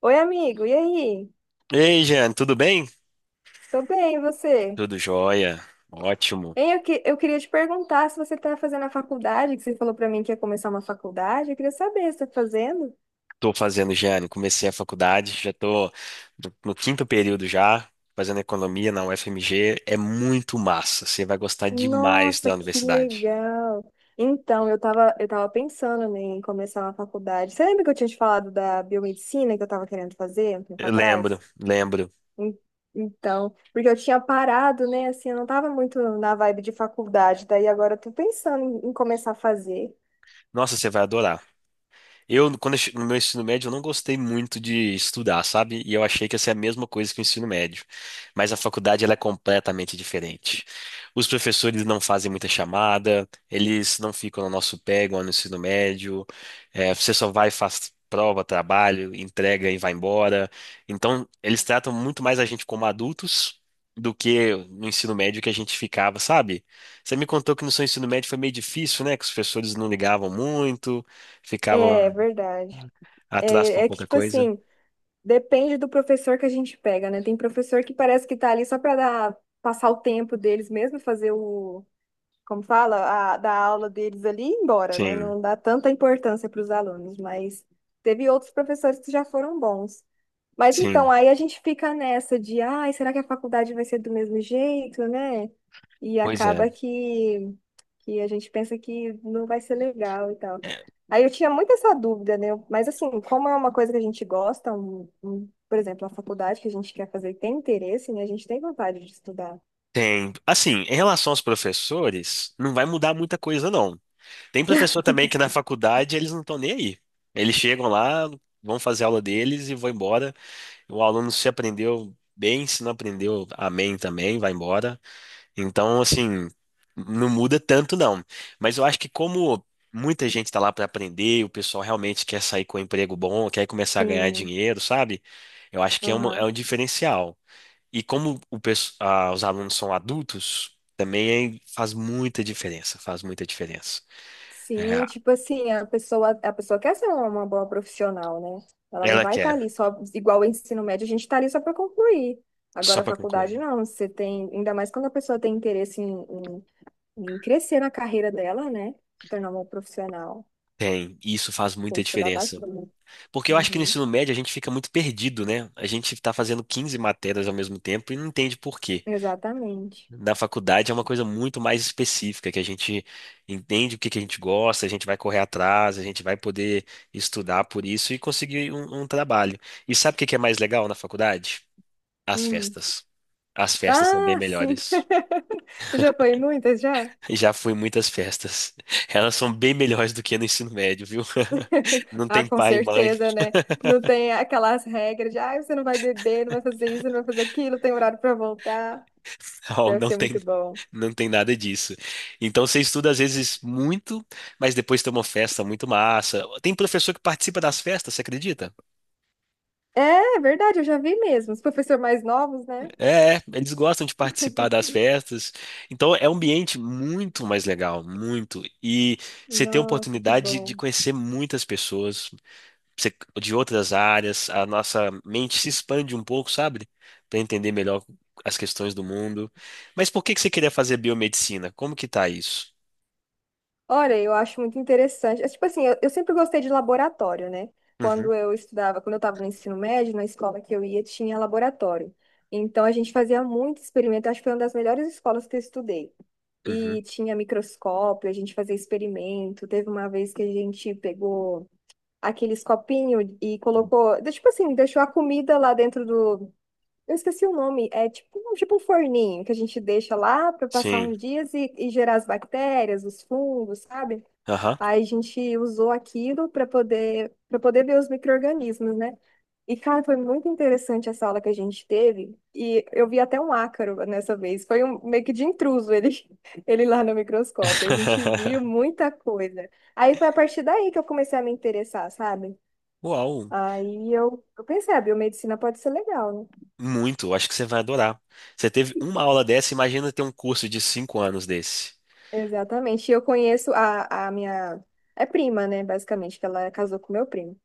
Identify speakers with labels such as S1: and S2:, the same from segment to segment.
S1: Oi, amigo, e aí?
S2: Ei, Jeane, tudo bem?
S1: Tô bem, e você?
S2: Tudo jóia, ótimo.
S1: Eu queria te perguntar se você tá fazendo a faculdade, que você falou pra mim que ia começar uma faculdade. Eu queria saber se tá fazendo.
S2: Tô fazendo, Jeane, comecei a faculdade, já tô no quinto período já, fazendo economia na UFMG. É muito massa, você vai gostar demais
S1: Nossa,
S2: da
S1: que
S2: universidade.
S1: legal! Então, eu tava pensando, né, em começar uma faculdade. Você lembra que eu tinha te falado da biomedicina que eu tava querendo fazer um tempo
S2: Eu lembro,
S1: atrás?
S2: lembro.
S1: En- Então, porque eu tinha parado, né? Assim, eu não tava muito na vibe de faculdade, daí agora eu tô pensando em começar a fazer.
S2: Nossa, você vai adorar. Eu, no meu ensino médio, eu não gostei muito de estudar, sabe? E eu achei que ia ser a mesma coisa que o ensino médio. Mas a faculdade, ela é completamente diferente. Os professores não fazem muita chamada, eles não ficam no nosso pé, igual no ensino médio. É, você só vai, faz prova, trabalho, entrega e vai embora. Então, eles tratam muito mais a gente como adultos do que no ensino médio que a gente ficava, sabe? Você me contou que no seu ensino médio foi meio difícil, né? Que os professores não ligavam muito, ficavam.
S1: É, verdade.
S2: Atraso
S1: É,
S2: por
S1: é que,
S2: pouca
S1: tipo
S2: coisa?
S1: assim, depende do professor que a gente pega, né? Tem professor que parece que tá ali só pra dar, passar o tempo deles mesmo, fazer o, como fala, a, da aula deles ali e ir embora, né?
S2: Sim,
S1: Não dá tanta importância para os alunos, mas teve outros professores que já foram bons. Mas então,
S2: sim.
S1: aí a gente fica nessa de, ai, será que a faculdade vai ser do mesmo jeito, né? E
S2: Pois é.
S1: acaba que a gente pensa que não vai ser legal e tal.
S2: É.
S1: Aí eu tinha muito essa dúvida, né? Mas assim, como é uma coisa que a gente gosta, por exemplo, a faculdade que a gente quer fazer e tem interesse, né? A gente tem vontade de estudar.
S2: Tem. Assim, em relação aos professores, não vai mudar muita coisa, não. Tem professor também que na faculdade eles não estão nem aí. Eles chegam lá, vão fazer a aula deles e vão embora. O aluno se aprendeu bem, se não aprendeu, amém também, vai embora. Então, assim, não muda tanto, não. Mas eu acho que como muita gente está lá para aprender, o pessoal realmente quer sair com um emprego bom, quer começar a ganhar
S1: Sim.
S2: dinheiro, sabe? Eu acho que é, uma, é
S1: Aham.
S2: um diferencial. E como o, pesso- ah, os alunos são adultos, também é, faz muita diferença, faz muita diferença. É,
S1: Sim, tipo assim, a pessoa quer ser uma boa profissional, né? Ela não
S2: ela
S1: vai estar
S2: quer,
S1: ali só, igual o ensino médio, a gente está ali só para concluir.
S2: só
S1: Agora, a
S2: para
S1: faculdade
S2: concluir.
S1: não, você tem, ainda mais quando a pessoa tem interesse em em crescer na carreira dela, né? Se tornar uma profissional,
S2: Tem, e isso faz
S1: tem
S2: muita
S1: que estudar
S2: diferença.
S1: bastante.
S2: Porque eu acho que no
S1: Uhum.
S2: ensino médio a gente fica muito perdido, né? A gente está fazendo 15 matérias ao mesmo tempo e não entende por quê.
S1: Exatamente.
S2: Na faculdade é uma coisa muito mais específica, que a gente entende o que que a gente gosta, a gente vai correr atrás, a gente vai poder estudar por isso e conseguir um, um trabalho. E sabe o que que é mais legal na faculdade? As
S1: Hum.
S2: festas. As festas são bem
S1: Ah, sim,
S2: melhores.
S1: você já foi em muitas já?
S2: Já fui em muitas festas. Elas são bem melhores do que no ensino médio, viu? Não
S1: Ah,
S2: tem
S1: com
S2: pai e mãe,
S1: certeza, né? Não tem aquelas regras de, ah, você não vai beber, não vai fazer isso, não vai fazer aquilo, tem horário para voltar.
S2: não,
S1: Deve
S2: não
S1: ser muito
S2: tem,
S1: bom.
S2: não tem nada disso. Então você estuda às vezes muito, mas depois tem uma festa muito massa. Tem professor que participa das festas, você acredita?
S1: É, é verdade, eu já vi mesmo. Os professores mais novos, né?
S2: É, é, eles gostam de participar das festas. Então é um ambiente muito mais legal, muito. E você tem a
S1: Nossa, que
S2: oportunidade de
S1: bom.
S2: conhecer muitas pessoas de outras áreas. A nossa mente se expande um pouco, sabe? Para entender melhor as questões do mundo. Mas por que que você queria fazer biomedicina? Como que tá isso?
S1: Olha, eu acho muito interessante. É, tipo assim, eu sempre gostei de laboratório, né?
S2: Uhum,
S1: Quando eu estudava, quando eu estava no ensino médio, na escola que eu ia, tinha laboratório. Então, a gente fazia muito experimento. Acho que foi uma das melhores escolas que eu estudei.
S2: uhum.
S1: E tinha microscópio, a gente fazia experimento. Teve uma vez que a gente pegou aqueles copinhos e colocou, tipo assim, deixou a comida lá dentro do, eu esqueci o nome. É tipo, tipo um forninho que a gente deixa lá para passar
S2: Sim.
S1: uns dias e gerar as bactérias, os fungos, sabe?
S2: Aham.
S1: Aí a gente usou aquilo para poder ver os micro-organismos, né? E, cara, foi muito interessante essa aula que a gente teve. E eu vi até um ácaro nessa vez. Foi um meio que de intruso ele, ele lá no microscópio. A gente viu muita coisa. Aí foi a partir daí que eu comecei a me interessar, sabe?
S2: Uau,
S1: Aí eu pensei, a biomedicina pode ser legal, né?
S2: muito. Acho que você vai adorar. Você teve uma aula dessa, imagina ter um curso de 5 anos desse.
S1: Exatamente. E eu conheço a minha. É prima, né? Basicamente, que ela casou com meu primo.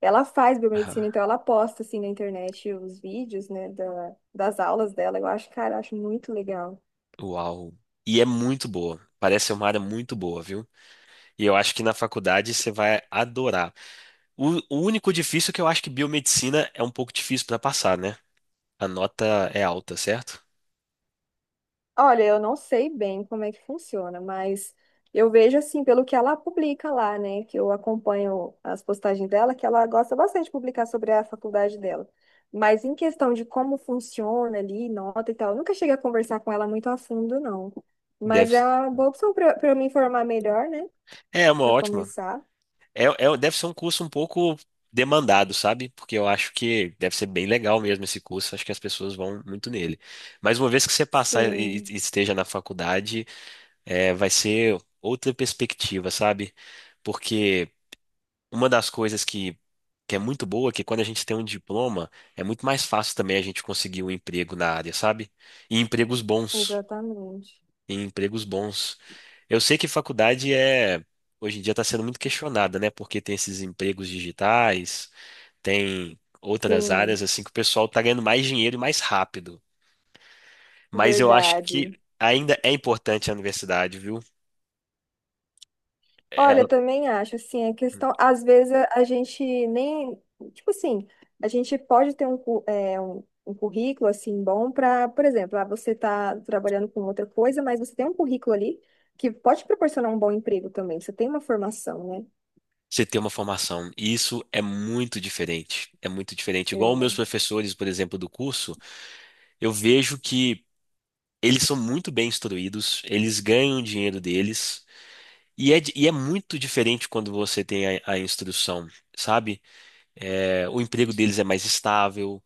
S1: Ela faz biomedicina, então ela posta assim na internet os vídeos, né, da, das aulas dela. Eu acho, cara, eu acho muito legal.
S2: Uau. E é muito boa. Parece ser uma área muito boa, viu? E eu acho que na faculdade você vai adorar. O único difícil é que eu acho que biomedicina é um pouco difícil para passar, né? A nota é alta, certo?
S1: Olha, eu não sei bem como é que funciona, mas eu vejo assim, pelo que ela publica lá, né? Que eu acompanho as postagens dela, que ela gosta bastante de publicar sobre a faculdade dela. Mas em questão de como funciona ali, nota e tal, eu nunca cheguei a conversar com ela muito a fundo, não. Mas
S2: Deve.
S1: é uma boa opção para eu me informar melhor, né?
S2: É é uma
S1: Para
S2: ótima.
S1: começar.
S2: É, é- deve ser um curso um pouco demandado, sabe? Porque eu acho que deve ser bem legal mesmo esse curso. Acho que as pessoas vão muito nele. Mas uma vez que você passar e
S1: Sim,
S2: esteja na faculdade, é, vai ser outra perspectiva, sabe? Porque uma das coisas que é muito boa é que quando a gente tem um diploma, é muito mais fácil também a gente conseguir um emprego na área, sabe? E empregos bons.
S1: exatamente.
S2: E empregos bons. Eu sei que faculdade é, hoje em dia está sendo muito questionada, né? Porque tem esses empregos digitais, tem outras
S1: Sim,
S2: áreas assim que o pessoal está ganhando mais dinheiro e mais rápido. Mas eu acho que
S1: verdade.
S2: ainda é importante a universidade, viu? É,
S1: Olha, eu também acho, assim, a questão, às vezes a gente nem, tipo assim, a gente pode ter um currículo, assim, bom para, por exemplo, ah, você está trabalhando com outra coisa, mas você tem um currículo ali que pode proporcionar um bom emprego também, você tem uma formação, né?
S2: você ter uma formação. E isso é muito diferente. É muito diferente. Igual meus
S1: É.
S2: professores, por exemplo, do curso, eu vejo que eles são muito bem instruídos, eles ganham o dinheiro deles. E é, di- e é muito diferente quando você tem a instrução, sabe? É, o emprego deles é mais estável,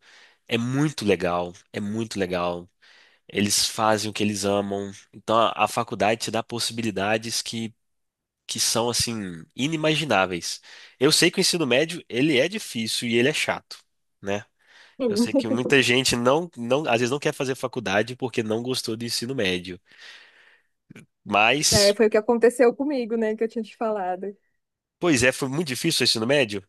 S2: é muito legal, é muito legal. Eles fazem o que eles amam. Então a faculdade te dá possibilidades que são assim inimagináveis. Eu sei que o ensino médio ele é difícil e ele é chato, né? Eu sei que muita gente não, não, às vezes não quer fazer faculdade porque não gostou do ensino médio.
S1: É,
S2: Mas,
S1: foi o que aconteceu comigo, né, que eu tinha te falado.
S2: pois é, foi muito difícil o ensino médio.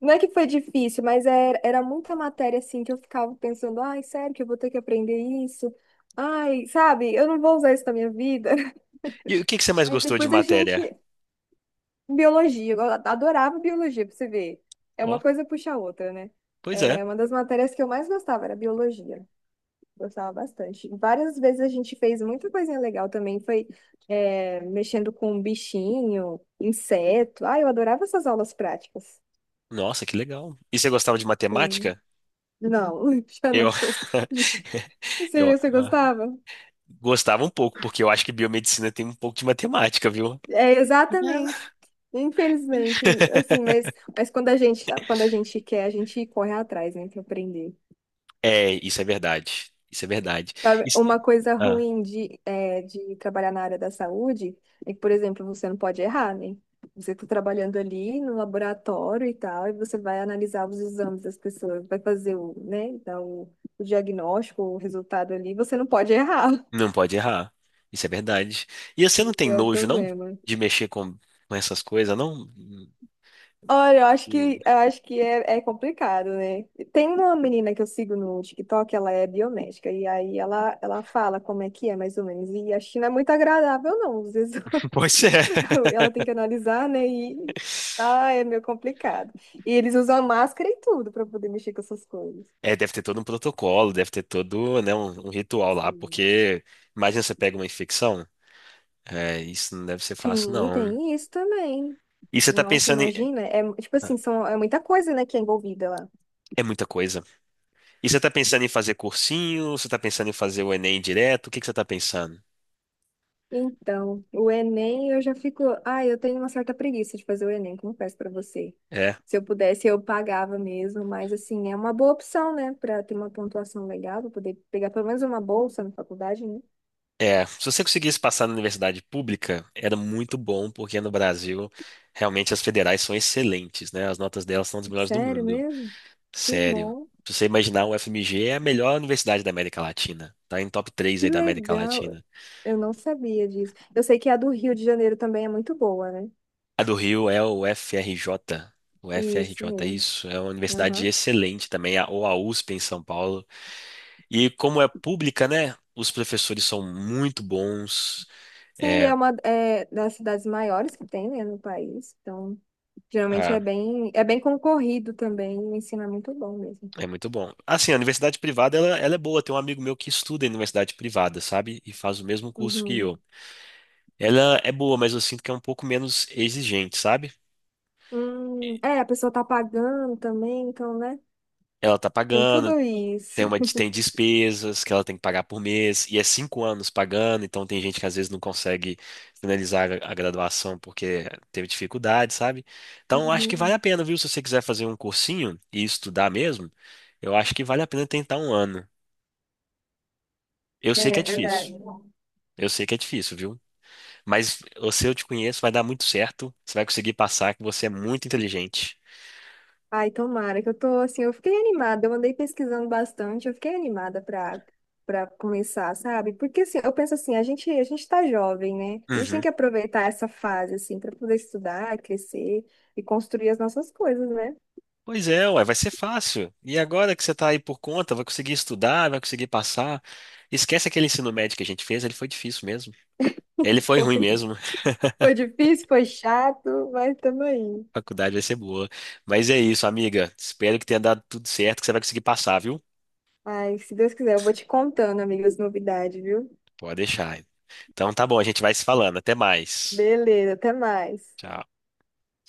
S1: Não é que foi difícil, mas era muita matéria, assim, que eu ficava pensando, ai, sério que eu vou ter que aprender isso? Ai, sabe, eu não vou usar isso na minha vida.
S2: E o que que você mais
S1: Mas
S2: gostou de
S1: depois a gente.
S2: matéria?
S1: Biologia, eu adorava biologia, pra você ver. É uma
S2: Ó,
S1: coisa puxa a outra, né?
S2: pois é.
S1: É uma das matérias que eu mais gostava era biologia. Gostava bastante. Várias vezes a gente fez muita coisinha legal também. Foi é, mexendo com bichinho, inseto. Ah, eu adorava essas aulas práticas.
S2: Nossa, que legal. E você gostava de
S1: Hum,
S2: matemática?
S1: Não, já não
S2: Eu,
S1: sou.
S2: eu
S1: Você, você
S2: ah,
S1: gostava?
S2: gostava um pouco, porque eu acho que biomedicina tem um pouco de matemática, viu?
S1: É, exatamente. Infelizmente,
S2: É.
S1: assim, mas quando a gente quer, a gente corre atrás, né, para aprender.
S2: É, isso é verdade. Isso é verdade.
S1: Sabe,
S2: Isso-
S1: uma coisa
S2: ah,
S1: ruim de, é, de trabalhar na área da saúde é que, por exemplo, você não pode errar, né? Você está trabalhando ali no laboratório e tal, e você vai analisar os exames das pessoas, vai fazer o, né, dar o diagnóstico, o resultado ali, você não pode errar.
S2: não pode errar. Isso é verdade. E você não
S1: Esse
S2: tem
S1: é o
S2: nojo, não?
S1: problema.
S2: De mexer com essas coisas, não? Hum.
S1: Olha, eu acho que eu acho que é, é complicado, né? Tem uma menina que eu sigo no TikTok, ela é biomédica, e aí ela fala como é que é, mais ou menos. E a China é muito agradável, não, os exames.
S2: Pois é.
S1: Ela tem que analisar, né? E ah, é meio complicado. E eles usam máscara e tudo para poder mexer com essas coisas.
S2: É, deve ter todo um protocolo, deve ter todo, né, um ritual lá,
S1: Sim.
S2: porque imagina você pega uma infecção. É, isso não deve ser fácil,
S1: Sim,
S2: não.
S1: tem isso também.
S2: E você tá
S1: Nossa,
S2: pensando em.
S1: imagina. É, tipo assim, são, é muita coisa, né, que é envolvida lá.
S2: É muita coisa. E você tá pensando em fazer cursinho? Você tá pensando em fazer o Enem direto? O que que você tá pensando?
S1: Então, o Enem, eu já fico. Ah, eu tenho uma certa preguiça de fazer o Enem, confesso pra você.
S2: É,
S1: Se eu pudesse, eu pagava mesmo, mas assim, é uma boa opção, né, pra ter uma pontuação legal, pra poder pegar pelo menos uma bolsa na faculdade, né?
S2: é, se você conseguisse passar na universidade pública, era muito bom, porque no Brasil, realmente as federais são excelentes, né? As notas delas são das melhores do
S1: Sério
S2: mundo.
S1: mesmo? Que
S2: Sério.
S1: bom,
S2: Se você imaginar, o FMG é a melhor universidade da América Latina. Tá em top 3
S1: que
S2: aí da América
S1: legal.
S2: Latina.
S1: Eu não sabia disso. Eu sei que a do Rio de Janeiro também é muito boa, né?
S2: A do Rio é o FRJ. O
S1: Isso
S2: FRJ,
S1: mesmo.
S2: isso. É uma universidade
S1: Aham.
S2: excelente também, a- ou a USP em São Paulo. E como é pública, né? Os professores são muito bons.
S1: Sim, é uma é, das cidades maiores que tem, né, no país. Então, geralmente é bem concorrido também, o ensino é muito bom mesmo.
S2: É muito bom. Assim, a universidade privada, ela é boa. Tem um amigo meu que estuda em universidade privada, sabe? E faz o mesmo curso que
S1: Uhum.
S2: eu. Ela é boa, mas eu sinto que é um pouco menos exigente, sabe?
S1: É, a pessoa tá pagando também, então, né?
S2: Ela tá
S1: Tem
S2: pagando,
S1: tudo isso.
S2: tem uma, tem despesas que ela tem que pagar por mês, e é 5 anos pagando, então tem gente que às vezes não consegue finalizar a graduação porque teve dificuldade, sabe? Então, eu acho que vale
S1: Uhum.
S2: a pena, viu? Se você quiser fazer um cursinho e estudar mesmo, eu acho que vale a pena tentar um ano. Eu
S1: É
S2: sei que
S1: é
S2: é
S1: verdade.
S2: difícil. Eu sei que é difícil, viu? Mas eu- se eu te conheço, vai dar muito certo. Você vai conseguir passar que você é muito inteligente.
S1: Ai, tomara que eu tô assim, eu fiquei animada, eu andei pesquisando bastante, eu fiquei animada pra, pra começar, sabe? Porque assim, eu penso assim, a gente tá jovem, né? A gente tem
S2: Uhum.
S1: que aproveitar essa fase, assim, pra poder estudar, crescer e construir as nossas coisas, né?
S2: Pois é, ué, vai ser fácil. E agora que você tá aí por conta, vai conseguir estudar, vai conseguir passar. Esquece aquele ensino médio que a gente fez, ele foi difícil mesmo. Ele foi
S1: Foi,
S2: ruim mesmo.
S1: foi difícil, foi chato, mas tamo aí.
S2: A faculdade vai ser boa. Mas é isso, amiga. Espero que tenha dado tudo certo, que você vai conseguir passar, viu?
S1: Ai, se Deus quiser, eu vou te contando, amiga, as novidades, viu?
S2: Pode deixar. Então tá bom, a gente vai se falando. Até mais.
S1: Beleza, até mais.
S2: Tchau.